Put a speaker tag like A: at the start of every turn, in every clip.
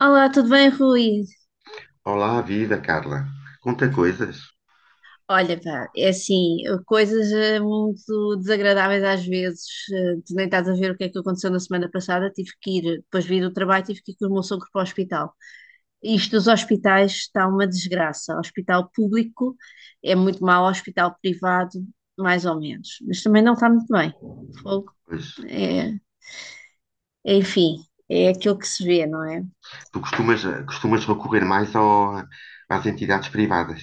A: Olá, tudo bem, Rui?
B: Olá, viva Carla. Conta coisas.
A: Olha, pá, é assim, coisas muito desagradáveis às vezes. Tu nem estás a ver o que é que aconteceu na semana passada. Tive que ir, depois vim do trabalho, tive que ir com o meu sogro para o hospital. Isto dos hospitais está uma desgraça. O hospital público é muito mau, o hospital privado, mais ou menos. Mas também não está muito bem. Fogo,
B: Pois,
A: é, é, enfim, é aquilo que se vê, não é?
B: tu costumas, costumas recorrer mais às entidades privadas.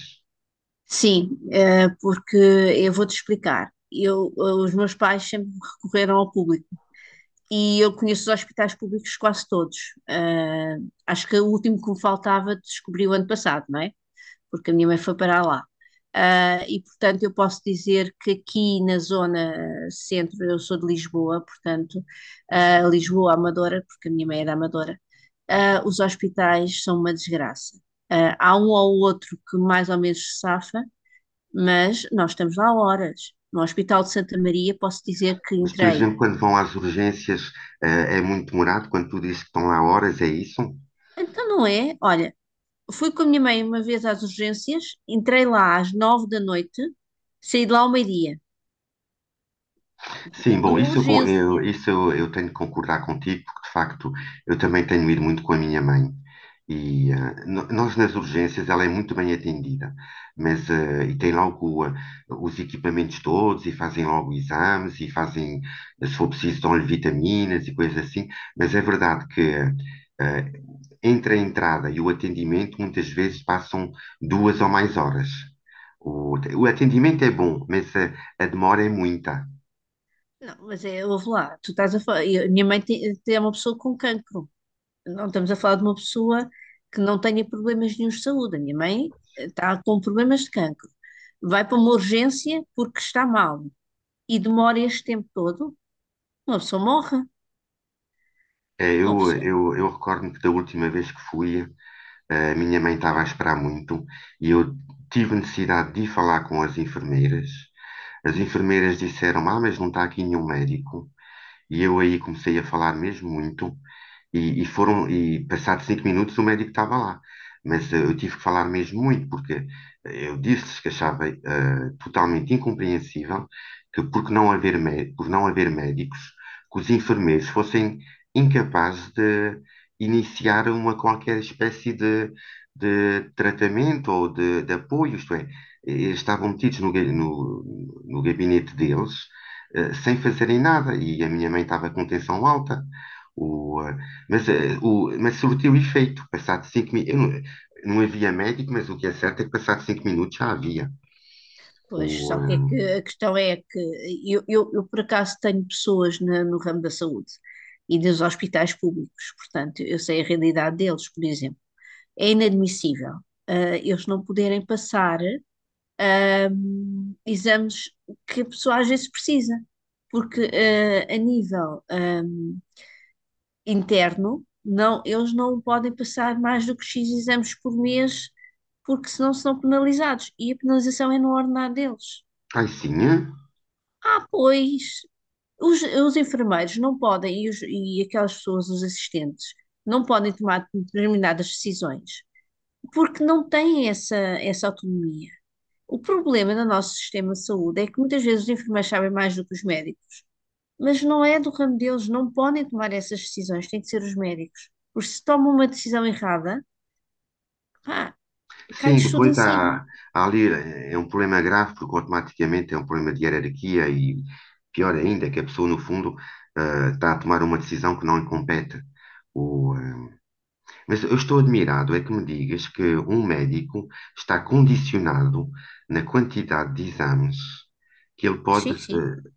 A: Sim, porque eu vou-te explicar. Eu, os meus pais sempre recorreram ao público e eu conheço os hospitais públicos quase todos. Acho que o último que me faltava descobri o ano passado, não é? Porque a minha mãe foi para lá. E portanto eu posso dizer que aqui na zona centro, eu sou de Lisboa, portanto, Lisboa Amadora, porque a minha mãe era Amadora, os hospitais são uma desgraça. Há um ou outro que mais ou menos se safa, mas nós estamos lá horas. No Hospital de Santa Maria posso dizer que
B: Mas, por
A: entrei,
B: exemplo, quando vão às urgências, é muito demorado, quando tu dizes que estão lá horas, é isso?
A: então não é? Olha, fui com a minha mãe uma vez às urgências, entrei lá às 9 da noite, saí de lá ao meio-dia,
B: Sim, bom,
A: numa
B: isso eu, con- eu-
A: urgência.
B: isso eu, eu tenho que concordar contigo, porque de facto eu também tenho ido muito com a minha mãe. E nós nas urgências ela é muito bem atendida, mas e tem logo os equipamentos todos e fazem logo exames e fazem, se for preciso, dão-lhe vitaminas e coisas assim. Mas é verdade que eh, entre a entrada e o atendimento muitas vezes passam duas ou mais horas. O atendimento é bom, mas a demora é muita.
A: Não, mas é, houve lá, tu estás a falar. E a minha mãe é uma pessoa com cancro. Não estamos a falar de uma pessoa que não tenha problemas nenhum de saúde. A minha mãe está com problemas de cancro. Vai para uma urgência porque está mal e demora este tempo todo, uma pessoa morre.
B: É,
A: Uma pessoa.
B: eu recordo-me que da última vez que fui, a minha mãe estava a esperar muito e eu tive necessidade de ir falar com as enfermeiras. As enfermeiras disseram, ah, mas não está aqui nenhum médico. E eu aí comecei a falar mesmo muito. E passados cinco minutos o médico estava lá. Mas eu tive que falar mesmo muito, porque eu disse-lhes que achava totalmente incompreensível que, por que não haver, mé- por não haver médicos, que os enfermeiros fossem incapazes de iniciar uma qualquer espécie de tratamento ou de apoio, isto é, eles estavam metidos no gabinete deles sem fazerem nada. E a minha mãe estava com tensão alta. O, eh, mas, eh, o, Mas surtiu efeito. Passado cinco minutos. Não, não havia médico, mas o que é certo é que passado cinco minutos já havia.
A: Pois,
B: O,
A: só
B: eh,
A: que é que a questão é que eu por acaso tenho pessoas na- no ramo da saúde e dos hospitais públicos, portanto, eu sei a realidade deles, por exemplo. É inadmissível, eles não poderem passar, ah, exames que a pessoa às vezes precisa, porque, a nível, interno, não, eles não podem passar mais do que X exames por mês, porque senão são penalizados e a penalização é no ordenado deles.
B: Ai, sim. Eh?
A: Ah, pois, os enfermeiros não podem, e, e aquelas pessoas, os assistentes, não podem tomar determinadas decisões, porque não têm essa, essa autonomia. O problema do nosso sistema de saúde é que muitas vezes os enfermeiros sabem mais do que os médicos, mas não é do ramo deles, não podem tomar essas decisões, têm de ser os médicos. Porque se tomam uma decisão errada, pá,
B: Sim,
A: cai-lhes tudo em
B: depois há,
A: cima.
B: há ali. É um problema grave, porque automaticamente é um problema de hierarquia e pior ainda, que a pessoa, no fundo, está a tomar uma decisão que não lhe compete. O, eh, Mas eu estou admirado é que me digas que um médico está condicionado na quantidade de exames que ele pode.
A: Sim, sim.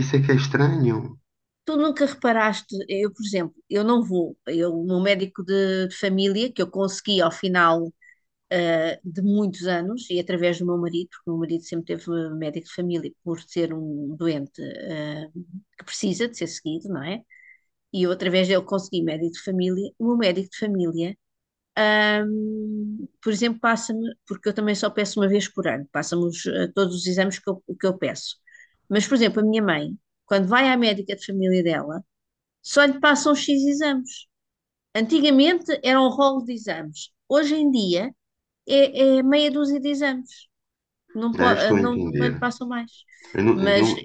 B: Isso é que é estranho.
A: Tu nunca reparaste, eu, por exemplo, eu não vou, eu, o meu médico de família, que eu consegui ao final de muitos anos, e através do meu marido, porque o meu marido sempre teve médico de família por ser um doente que precisa de ser seguido, não é? E eu, através dele, consegui médico de família. O meu médico de família, ah, por exemplo, passa-me, porque eu também só peço uma vez por ano, passa-me todos os exames que eu peço. Mas, por exemplo, a minha mãe, quando vai à médica de família dela, só lhe passam X exames. Antigamente era um rolo de exames. Hoje em dia é meia dúzia de exames. Não,
B: Ah, estou a
A: não, não lhe
B: entender.
A: passam mais.
B: Eu, nu- eu
A: Mas
B: nu-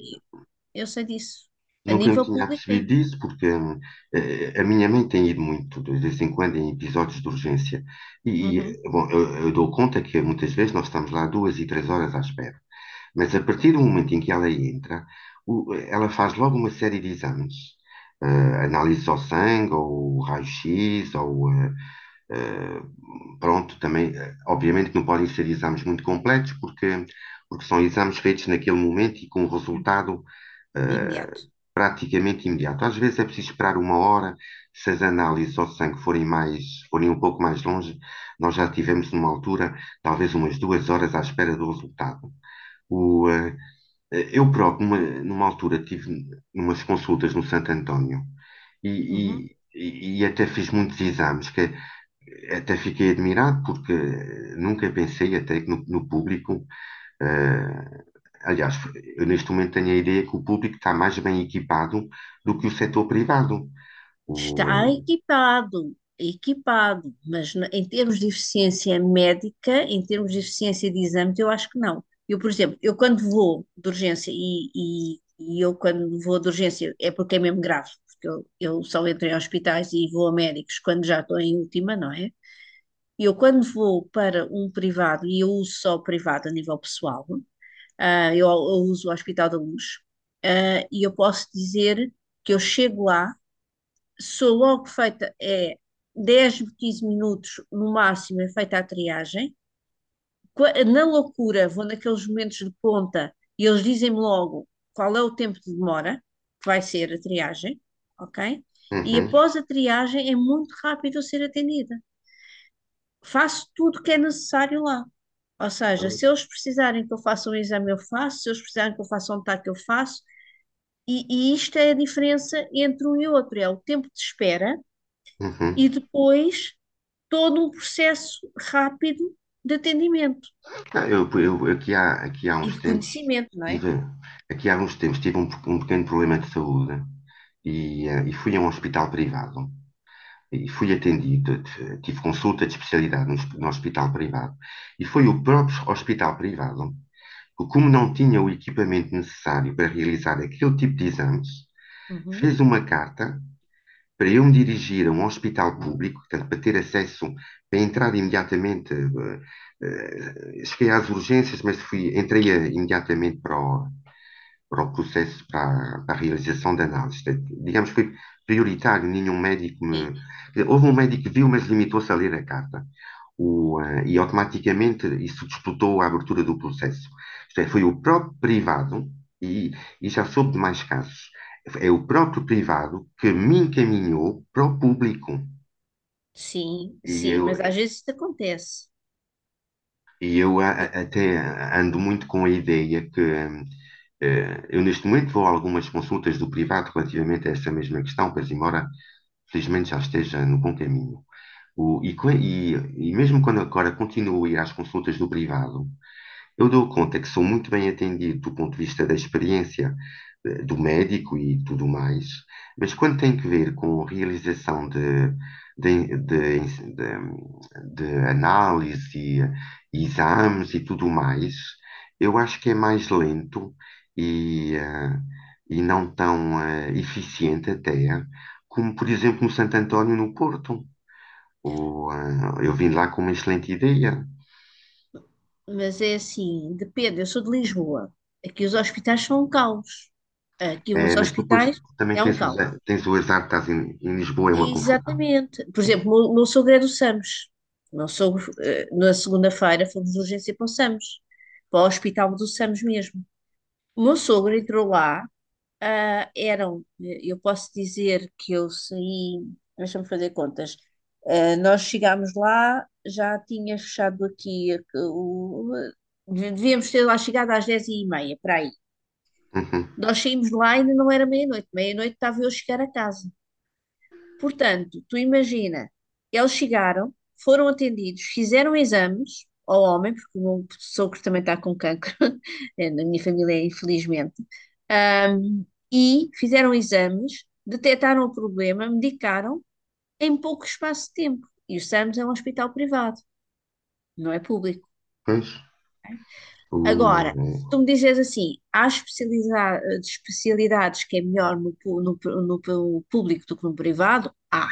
A: eu sei disso. A
B: Nunca me
A: nível
B: tinha
A: público é.
B: apercebido disso, porque a minha mãe tem ido muito, de vez em quando, em episódios de urgência.
A: Uhum.
B: Bom, eu dou conta que muitas vezes nós estamos lá duas e três horas à espera. Mas a partir do momento em que ela entra, ela faz logo uma série de exames. Análise ao sangue, ou raio-x, ou eh, pronto, também, obviamente que não podem ser exames muito completos, porque, porque são exames feitos naquele momento e com um resultado eh,
A: Imediato.
B: praticamente imediato. Às vezes é preciso esperar uma hora, se as análises ao sangue forem mais, forem um pouco mais longe, nós já tivemos numa altura, talvez umas duas horas à espera do resultado. O, eh, Eu próprio, numa altura, tive umas consultas no Santo António
A: Uhum.
B: e, e até fiz muitos exames, que até fiquei admirado porque nunca pensei até que no público, eh, aliás, eu neste momento tenho a ideia que o público está mais bem equipado do que o setor privado.
A: Está
B: O,
A: equipado, equipado, mas em termos de eficiência médica, em termos de eficiência de exames, eu acho que não. Eu, por exemplo, eu quando vou de urgência, e eu quando vou de urgência é porque é mesmo grave, porque eu só entro em hospitais e vou a médicos quando já estou em última, não é? E eu quando vou para um privado, e eu uso só o privado a nível pessoal, eu uso o Hospital da Luz, e eu posso dizer que eu chego lá sou logo feita, é 10, 15 minutos no máximo, é feita a triagem. Na loucura, vou naqueles momentos de ponta e eles dizem-me logo qual é o tempo de demora, que vai ser a triagem, ok? E
B: uhum,
A: após a triagem é muito rápido eu ser atendida. Faço tudo o que é necessário lá. Ou seja, se eles precisarem que eu faça um exame, eu faço, se eles precisarem que eu faça um TAC, eu faço. E isto é a diferença entre um e outro, é o tempo de espera
B: uhum.
A: e depois todo um processo rápido de atendimento
B: Aqui há
A: e
B: uns
A: de
B: tempos
A: conhecimento, não é?
B: tive, aqui há uns tempos tive um, um pequeno problema de saúde e fui a um hospital privado e fui atendido, tive consulta de especialidade no hospital privado. E foi o próprio hospital privado que, como não tinha o equipamento necessário para realizar aquele tipo de exames,
A: Uhum.
B: fez uma carta para eu me dirigir a um hospital público, portanto, para ter acesso, para entrar imediatamente. Cheguei às urgências, mas fui, entrei imediatamente para para o processo, para para a realização da análise. Digamos que foi prioritário, nenhum médico me, quer dizer, houve um médico que viu, mas limitou-se a ler a carta. E automaticamente isso disputou a abertura do processo. Isto é, foi o próprio privado, e, e já soube de mais casos, é o próprio privado que me encaminhou para o público.
A: Sim,
B: E
A: sim,
B: eu,
A: mas às vezes isso acontece. Eu-
B: Até ando muito com a ideia que eu neste momento vou a algumas consultas do privado relativamente a essa mesma questão, pois embora felizmente já esteja no bom caminho. O- e, co- e- e mesmo quando agora continuo a ir às consultas do privado, eu dou conta que sou muito bem atendido do ponto de vista da experiência do médico e tudo mais, mas quando tem que ver com a realização de, de, de- de análise e exames e tudo mais, eu acho que é mais lento e, eh, e não tão eficiente até, como por exemplo no Santo António no Porto. Eu vim lá com uma excelente ideia.
A: mas é assim, depende. Eu sou de Lisboa. Aqui os hospitais são um caos. Aqui
B: É,
A: uns
B: mas tu depois
A: hospitais
B: também
A: é um caos.
B: tens o azar de estás em, em Lisboa, é uma confusão.
A: Exatamente. Por exemplo, o meu sogro é do SAMS. O meu sogro, na segunda-feira fomos de urgência para o SAMS, para o hospital do SAMS mesmo. O meu sogro entrou lá. Ah, eram, eu posso dizer que eu saí, deixa-me fazer contas. Nós chegámos lá, já tinha fechado aqui, devíamos ter lá chegado às 10h30 para aí.
B: Uhum.
A: Nós saímos lá e ainda não era meia-noite. Meia-noite estava eu a chegar a casa. Portanto, tu imagina, eles chegaram, foram atendidos, fizeram exames ao homem, porque o meu sogro também está com cancro, é, na minha família, infelizmente, Ahm, e fizeram exames, detectaram o problema, medicaram em pouco espaço de tempo. E o SAMS é um hospital privado, não é público.
B: Pois, o,
A: Agora,
B: eh,
A: se tu me dizes assim, há especialidades que é melhor no público do que no privado, há.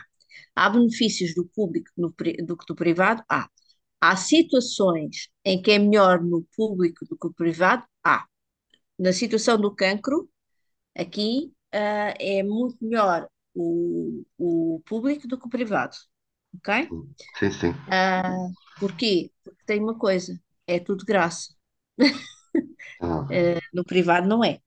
A: Há benefícios do público no pri- do que do privado, há. Há situações em que é melhor no público do que no privado, há. Na situação do cancro, aqui, é muito melhor o público do que o privado, ok?
B: o- Sim, sim,
A: Ah, porquê? Porque tem uma coisa, é tudo de graça.
B: está bem.
A: No privado não é.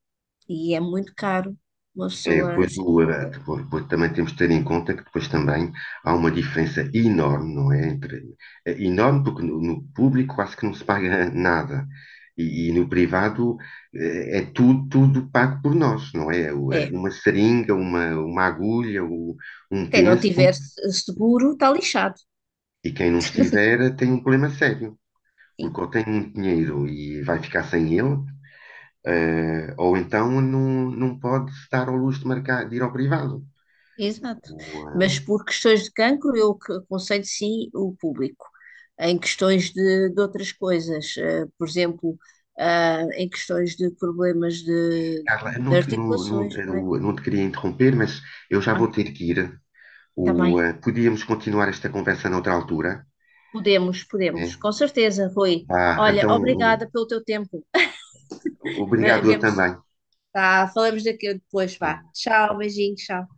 A: E é muito caro. Uma
B: É,
A: pessoa.
B: depois, depois, depois também temos de ter em conta que depois também há uma diferença enorme, não é? Entre, é enorme porque no público quase que não se paga nada. E no privado é tudo, tudo pago por nós, não é?
A: É.
B: Uma seringa, uma agulha, um
A: Quem não
B: penso,
A: tiver seguro está lixado.
B: e quem não estiver tem um problema sério. Porque
A: Sim,
B: ou tem muito dinheiro e vai ficar sem ele, ou então não, não pode se dar ao luxo de, marcar, de ir ao privado.
A: exato.
B: O,
A: Mas
B: eh,
A: por questões de cancro, eu que aconselho sim o público. Em questões de outras coisas, por exemplo, em questões de problemas de,
B: Carla, eu
A: de
B: não te, não, não,
A: articulações, não é?
B: eu não te queria interromper, mas eu já vou
A: Ah,
B: ter que ir.
A: também.
B: Podíamos continuar esta conversa noutra altura.
A: Podemos, podemos,
B: É?
A: com certeza, Rui.
B: Vá,
A: Olha,
B: então,
A: obrigada pelo teu tempo.
B: obrigado eu
A: Vemos,
B: também.
A: tá, falamos daqui depois, vá.
B: Né?
A: Tchau, beijinho, tchau.